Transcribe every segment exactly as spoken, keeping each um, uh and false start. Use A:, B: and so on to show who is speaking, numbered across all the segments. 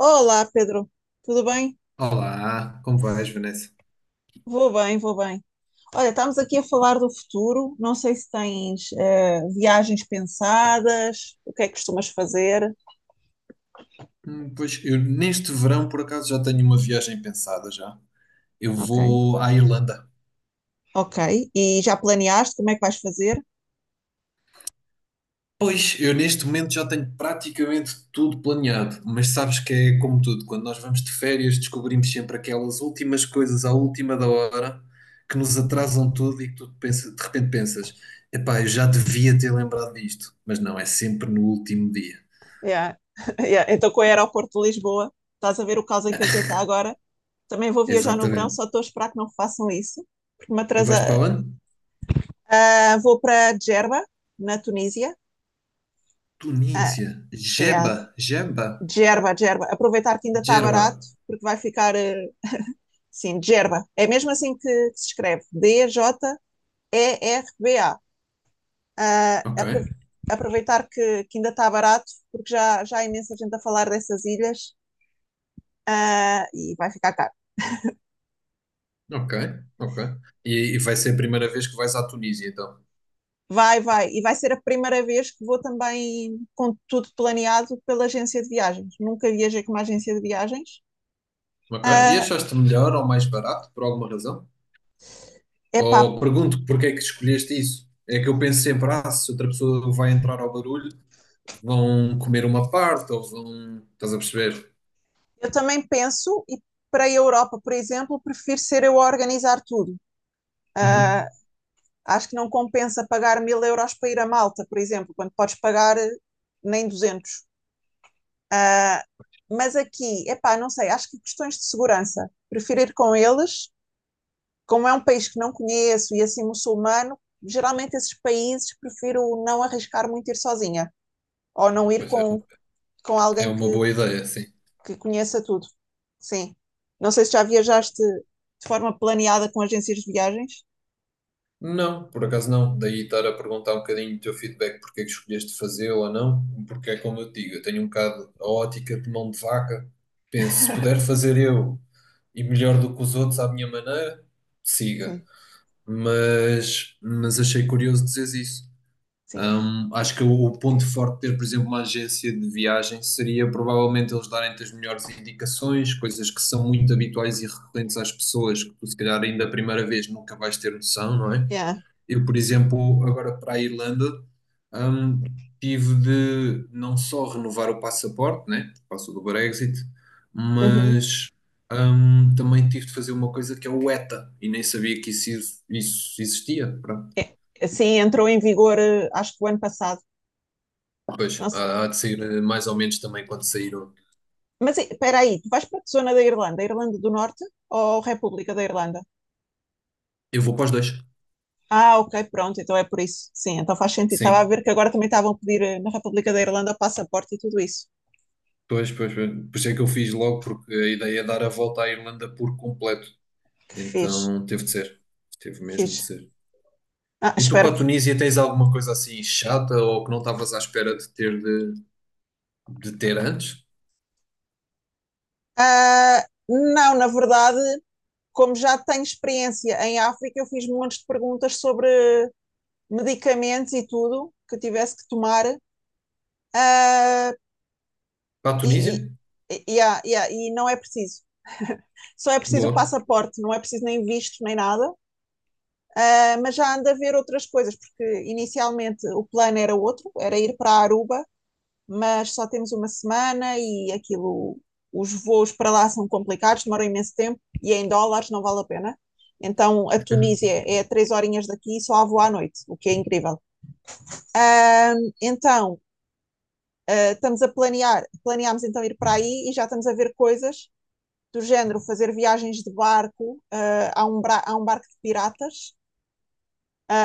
A: Olá, Pedro. Tudo bem?
B: Olá, como vais, Vanessa?
A: Vou bem, vou bem. Olha, estamos aqui a falar do futuro. Não sei se tens eh, viagens pensadas, o que é que costumas fazer?
B: Hum, pois eu neste verão por acaso já tenho uma viagem pensada já. Eu
A: Ok.
B: vou à Irlanda.
A: Ok. E já planeaste como é que vais fazer?
B: Pois eu neste momento já tenho praticamente tudo planeado, mas sabes que é como tudo, quando nós vamos de férias descobrimos sempre aquelas últimas coisas à última da hora que nos atrasam tudo e que tu pensa- de repente pensas, epá, eu já devia ter lembrado disto, mas não, é sempre no último dia.
A: Yeah. Yeah. Então, com o aeroporto de Lisboa, estás a ver o caos em que aquilo está agora? Também vou viajar no verão,
B: Exatamente.
A: só estou a esperar que não façam isso, porque me
B: Vais para
A: atrasa.
B: onde?
A: Ah, vou para Djerba, na Tunísia. Ah,
B: Tunísia.
A: yeah.
B: Jeba, Jeba.
A: Djerba, Djerba. Aproveitar que ainda está barato,
B: Gerba.
A: porque vai ficar. eh, Sim, Gerba. É mesmo assim que se escreve. D-J-E-R-B-A. Ah,
B: Ok,
A: apro- Aproveitar que, que ainda está barato, porque já, já há imensa gente a falar dessas ilhas, ah, e vai ficar caro.
B: ok, ok. E, e vai ser a primeira vez que vais à Tunísia, então.
A: Vai, vai. E vai ser a primeira vez que vou também com tudo planeado pela agência de viagens. Nunca viajei com uma agência de viagens.
B: Ok. E
A: É
B: achaste melhor ou mais barato, por alguma razão?
A: epá,
B: Ou pergunto porque é que escolheste isso? É que eu penso sempre, ah, se outra pessoa vai entrar ao barulho, vão comer uma parte ou vão. Estás a perceber?
A: eu também penso, e para a Europa, por exemplo, prefiro ser eu a organizar tudo.
B: Uhum.
A: Acho que não compensa pagar mil euros para ir a Malta, por exemplo, quando podes pagar eh, nem duzentos. Ah, mas aqui, epá, não sei, acho que questões de segurança. Prefiro ir com eles, como é um país que não conheço e é assim muçulmano, geralmente esses países prefiro não arriscar muito ir sozinha ou não ir
B: Pois é,
A: com,
B: um-
A: com
B: É
A: alguém que,
B: uma boa ideia, sim.
A: que conheça tudo. Sim. Não sei se já viajaste de forma planeada com agências de viagens.
B: Não, por acaso não. Daí estar a perguntar um bocadinho do teu feedback, porque é que escolheste fazer ou não, porque é como eu te digo, eu tenho um bocado a ótica de mão de vaca. Penso, se puder fazer eu e melhor do que os outros à minha maneira, siga.
A: Sim,
B: Mas, mas achei curioso dizeres isso.
A: sim.
B: Hum, acho que o, o ponto forte de ter, por exemplo, uma agência de viagem seria provavelmente eles darem-te as melhores indicações, coisas que são muito habituais e recorrentes às pessoas, que tu se calhar ainda a primeira vez nunca vais ter noção, não é?
A: Yeah.
B: Eu, por exemplo, agora para a Irlanda, hum, tive de não só renovar o passaporte, né, por causa do Brexit,
A: Uhum.
B: mas hum, também tive de fazer uma coisa que é o E T A, e nem sabia que isso, isso existia. Pronto.
A: É, sim, entrou em vigor, eh, acho que o ano passado.
B: Pois,
A: Nossa,
B: há, há de sair eh, mais ou menos também quando saíram.
A: mas e- espera aí, tu vais para que zona da Irlanda? Irlanda do Norte ou República da Irlanda?
B: Eu vou para os dois.
A: Ah, ok, pronto, então é por isso. Sim, então faz sentido. Estava a
B: Sim,
A: ver que agora também estavam a pedir eh, na República da Irlanda o passaporte e tudo isso.
B: pois, pois, pois. Por isso é que eu fiz logo, porque a ideia é dar a volta à Irlanda por completo.
A: Que fixe,
B: Então teve de ser, teve
A: que
B: mesmo de
A: fixe.
B: ser.
A: Ah,
B: E tu
A: espero
B: para a
A: que.
B: Tunísia tens alguma coisa assim chata ou que não estavas à espera de ter de, de ter antes?
A: Ah, não, na verdade, como já tenho experiência em África, eu fiz montes de perguntas sobre medicamentos e tudo que eu tivesse que tomar. Ah,
B: Para a Tunísia?
A: e, e, yeah, yeah, e não é preciso. Só é preciso o
B: Boa.
A: passaporte, não é preciso nem visto nem nada. Ah, mas já ando a ver outras coisas, porque inicialmente o plano era outro, era ir para Aruba, mas só temos uma semana e aquilo, os voos para lá são complicados, demoram imenso tempo e é em dólares, não vale a pena. Então, a Tunísia é três horinhas daqui e só a voo à noite, o que é incrível. Então, eh, estamos a planear, Planeámos então ir para aí e já estamos a ver coisas do género, fazer viagens de barco uh, a, um bra- a um barco de piratas.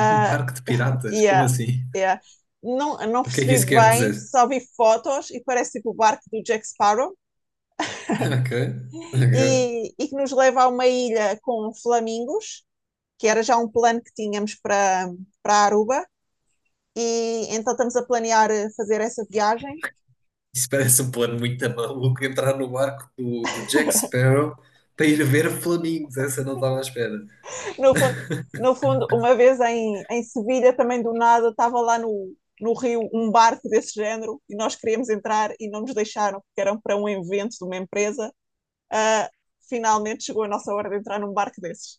B: Um barco de piratas? Como
A: yeah,
B: assim?
A: yeah. Não, não
B: O que é que
A: percebi
B: isso quer
A: bem,
B: dizer?
A: só vi fotos e parece tipo o barco do Jack Sparrow,
B: Ok, ok.
A: e, e que nos leva a uma ilha com flamingos, que era já um plano que tínhamos para, para Aruba, e então estamos a planear eh, fazer essa viagem.
B: Isso parece um plano muito maluco entrar no barco do, do Jack Sparrow para ir ver flamingos. Essa eu não estava à espera.
A: No fundo, no fundo uma vez em, em Sevilha, também do nada, estava lá no, no Rio um barco desse género e nós queríamos entrar e não nos deixaram, porque eram para um evento de uma empresa. Uh, Finalmente chegou a nossa hora de entrar num barco desses.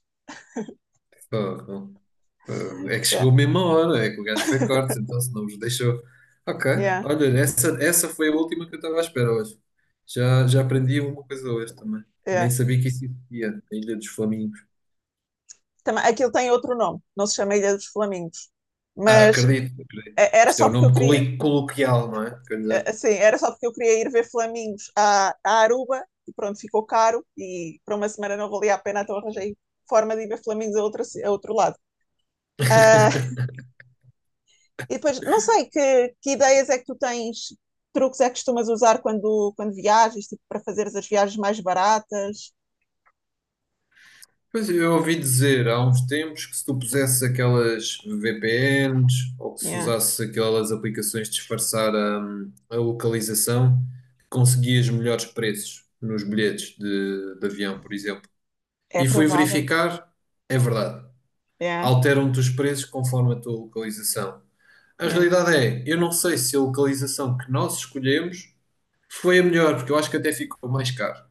B: Fogo. É que
A: Yeah,
B: chegou mesmo a hora, é que o gajo foi corte, então se não vos deixou. Ok,
A: yeah,
B: olha, essa, essa foi a última que eu estava à espera hoje. Já, já aprendi uma coisa hoje também. Nem
A: yeah.
B: sabia que isso existia, a Ilha dos Flamingos.
A: Também, aquilo tem outro nome, não se chama Ilha dos Flamingos,
B: Ah,
A: mas
B: acredito, acredito.
A: é. Era
B: Isto é
A: só
B: o
A: porque eu
B: nome
A: queria,
B: coli- coloquial, não é?
A: é, assim, era só porque eu queria ir ver flamingos a, a Aruba e pronto, ficou caro e para uma semana não valia a pena, então arranjei forma de ir ver flamingos a outro, a outro lado. Ah, e depois, não sei, que, que ideias é que tu tens, truques é que costumas usar quando, quando viajas, tipo, para fazeres as viagens mais baratas?
B: Pois eu ouvi dizer há uns tempos que se tu pusesses aquelas V P Ns ou que se
A: Yeah,
B: usasse aquelas aplicações de disfarçar a, a localização, conseguias melhores preços nos bilhetes de, de avião, por exemplo.
A: é
B: E fui
A: provável.
B: verificar, é verdade.
A: Yeah,
B: Alteram-te os preços conforme a tua localização. A
A: yeah.
B: realidade é, eu não sei se a localização que nós escolhemos foi a melhor, porque eu acho que até ficou mais caro.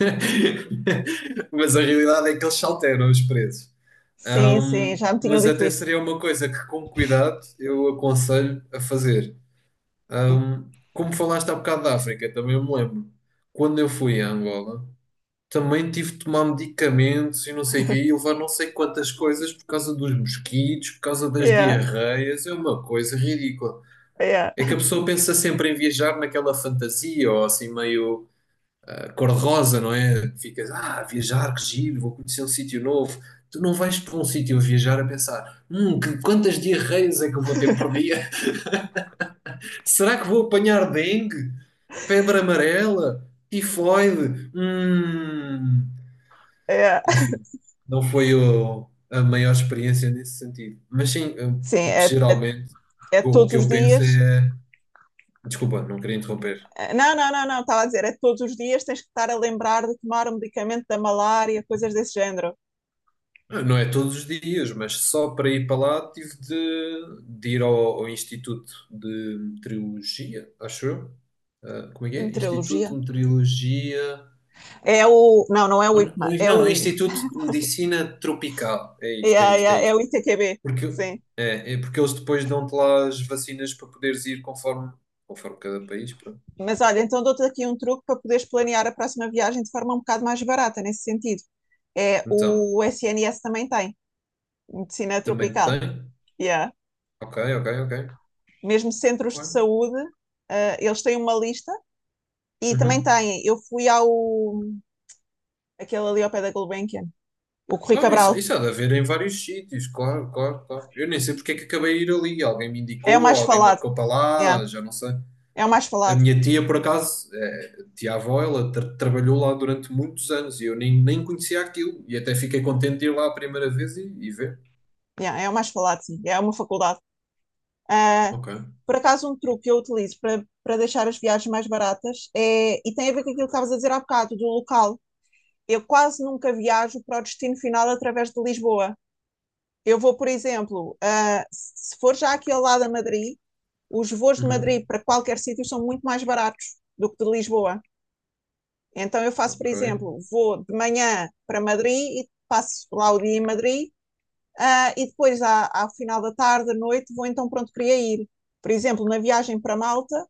B: Mas a realidade é que eles se alteram os preços.
A: Sim, sim,
B: Um,
A: já me tinham
B: mas
A: dito
B: até
A: isso.
B: seria uma coisa que, com cuidado, eu aconselho a fazer.
A: Sim.
B: Um, como falaste há bocado da África, também eu me lembro. Quando eu fui a Angola, também tive de tomar medicamentos e não sei o quê, e levar não sei quantas coisas por causa dos mosquitos, por causa das
A: Yeah,
B: diarreias. É uma coisa ridícula.
A: yeah,
B: É que a pessoa pensa sempre em viajar naquela fantasia ou assim meio a cor-de-rosa, não é? Ficas, ah, viajar, que giro, vou conhecer um sítio novo. Tu não vais para um sítio a viajar a pensar, hum, que, quantas diarreias é que eu vou ter por dia? Será que vou apanhar dengue, febre amarela, tifoide? Hum.
A: yeah.
B: Enfim, não foi o- a maior experiência nesse sentido. Mas sim, eu,
A: Sim, é,
B: geralmente,
A: é
B: o
A: todos
B: que
A: os
B: eu penso
A: dias.
B: é. Desculpa, não queria interromper.
A: Não, não, não, não, estava a dizer, é que todos os dias tens que estar a lembrar de tomar o medicamento da malária, coisas desse género.
B: Não é todos os dias, mas só para ir para lá tive de, de ir ao, ao Instituto de Meteorologia, acho eu. Ah, como é que
A: De
B: é? Instituto
A: meteorologia?
B: de Meteorologia.
A: É o. Não, não é
B: Ou
A: o
B: n-
A: I P M A,
B: ou-
A: é
B: não,
A: o.
B: Instituto de Medicina Tropical. É
A: É,
B: isto, é
A: a- é,
B: isto, é
A: a- é o
B: isto.
A: I T Q B,
B: Porque,
A: sim.
B: é, É porque eles depois dão-te lá as vacinas para poderes ir conforme, conforme cada país. Pronto.
A: Mas olha, então dou-te aqui um truque para poderes planear a próxima viagem de forma um bocado mais barata, nesse sentido. É
B: Então,
A: o S N S também tem, Medicina
B: também
A: Tropical.
B: tem?
A: Yeah.
B: Ok, ok, ok.
A: Mesmo centros de
B: Ué.
A: saúde, ah, eles têm uma lista e também
B: Uhum.
A: têm. Eu fui ao aquele ali ao pé da Gulbenkian, o Corri
B: Claro, isso,
A: Cabral.
B: isso há de haver em vários sítios, claro, claro, claro. Eu nem sei porque é que acabei de ir ali. Alguém me
A: É o
B: indicou,
A: mais
B: alguém
A: falado.
B: marcou para
A: Yeah.
B: lá, já não sei.
A: É o mais
B: A
A: falado.
B: minha tia, por acaso, é, tia-avó, ela tra- trabalhou lá durante muitos anos e eu nem, nem conhecia aquilo. E até fiquei contente de ir lá a primeira vez e, e ver.
A: Yeah, é o mais falado, sim. É uma faculdade. Ah,
B: Ok.
A: por acaso, um truque que eu utilizo para, para deixar as viagens mais baratas é, e tem a ver com aquilo que estavas a dizer há bocado, do local. Eu quase nunca viajo para o destino final através de Lisboa. Eu vou, por exemplo, ah, se for já aqui ao lado a Madrid, os voos de
B: Uhum.
A: Madrid para qualquer sítio são muito mais baratos do que de Lisboa. Então eu faço, por
B: Ok.
A: exemplo, vou de manhã para Madrid e passo lá o dia em Madrid, ah, e depois, à- ao final da tarde, à noite, vou então, pronto, queria ir. Por exemplo, na viagem para Malta,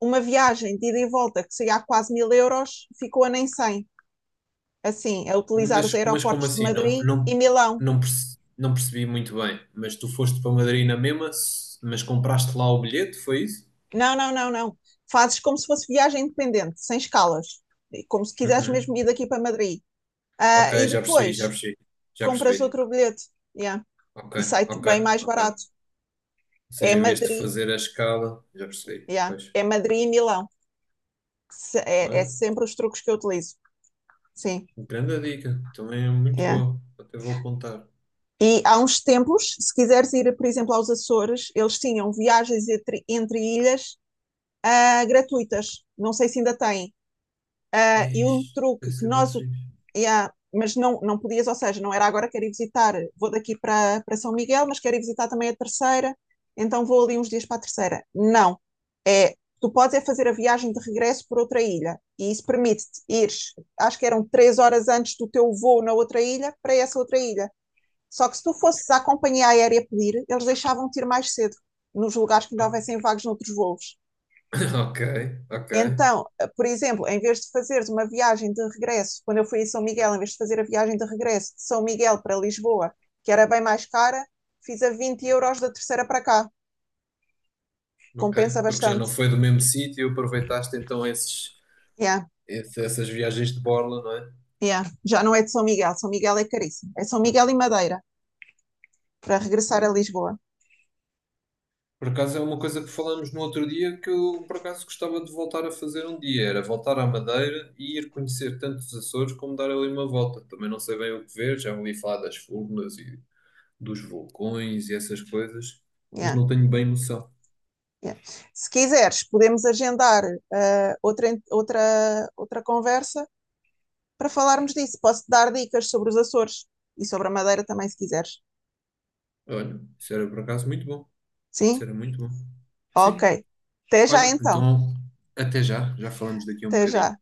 A: uma viagem de ida e volta que saía a quase mil euros, ficou a nem cem, assim, a utilizar os
B: Mas, mas como
A: aeroportos de
B: assim? Não,
A: Madrid
B: não,
A: e Milão.
B: não, perce- não percebi muito bem. Mas tu foste para Madrid na mesma, s- mas compraste lá o bilhete, foi isso?
A: Não, não, não, não. Fazes como se fosse viagem independente, sem escalas, e como se quiseres
B: Uhum.
A: mesmo ir daqui para Madrid. Ah,
B: Ok,
A: e
B: já percebi, já
A: depois
B: percebi. Já
A: compras
B: percebi.
A: outro bilhete, yeah,
B: Ok,
A: e sai-te
B: ok,
A: bem mais
B: ok. Ou
A: barato. É
B: seja, em vez de
A: Madrid,
B: fazer a escala, já percebi.
A: yeah.
B: Pois.
A: É Madrid e Milão. Se- É, é
B: Olha,
A: sempre os truques que eu utilizo. Sim.
B: grande dica. Também é muito
A: É.
B: boa. Até vou apontar.
A: E há uns tempos, se quiseres ir, por exemplo, aos Açores, eles tinham viagens entre, entre ilhas, ah, gratuitas. Não sei se ainda têm. Ah, e um
B: Eish,
A: truque
B: deve
A: que
B: ser bem
A: nós.
B: fixe.
A: Yeah, mas não, não podias, ou seja, não era agora quero ir visitar, vou daqui para, para São Miguel, mas quero ir visitar também a terceira, então vou ali uns dias para a terceira. Não. É, tu podes é fazer a viagem de regresso por outra ilha. E isso permite-te ir, acho que eram três horas antes do teu voo na outra ilha, para essa outra ilha. Só que se tu fosses à companhia aérea pedir, eles deixavam-te ir mais cedo, nos lugares que ainda
B: Oh,
A: houvessem vagos noutros voos.
B: Ok, ok,
A: Então, por exemplo, em vez de fazeres uma viagem de regresso, quando eu fui a São Miguel, em vez de fazer a viagem de regresso de São Miguel para Lisboa, que era bem mais cara, fiz a vinte euros da terceira para cá. Compensa
B: ok. Porque já não
A: bastante.
B: foi do mesmo sítio, aproveitaste então esses,
A: Yeah,
B: esse- essas viagens de borla, não
A: yeah. Já não é de São Miguel, São Miguel é caríssimo. É São Miguel e Madeira, para regressar a
B: é?
A: Lisboa.
B: Por acaso é uma coisa que falámos no outro dia que eu por acaso gostava de voltar a fazer um dia, era voltar à Madeira e ir conhecer tanto os Açores como dar ali uma volta. Também não sei bem o que ver, já ouvi falar das furnas e dos vulcões e essas coisas, mas
A: Yeah,
B: não tenho bem noção.
A: yeah. Se quiseres, podemos agendar uh, outra, outra, outra conversa para falarmos disso. Posso-te dar dicas sobre os Açores e sobre a Madeira também, se quiseres.
B: Olha, isso era por acaso muito bom. Isso
A: Sim?
B: era muito bom.
A: Ok.
B: Sim.
A: Até já
B: Olha,
A: então.
B: então até já, já falamos daqui a um
A: Até já.
B: bocadinho.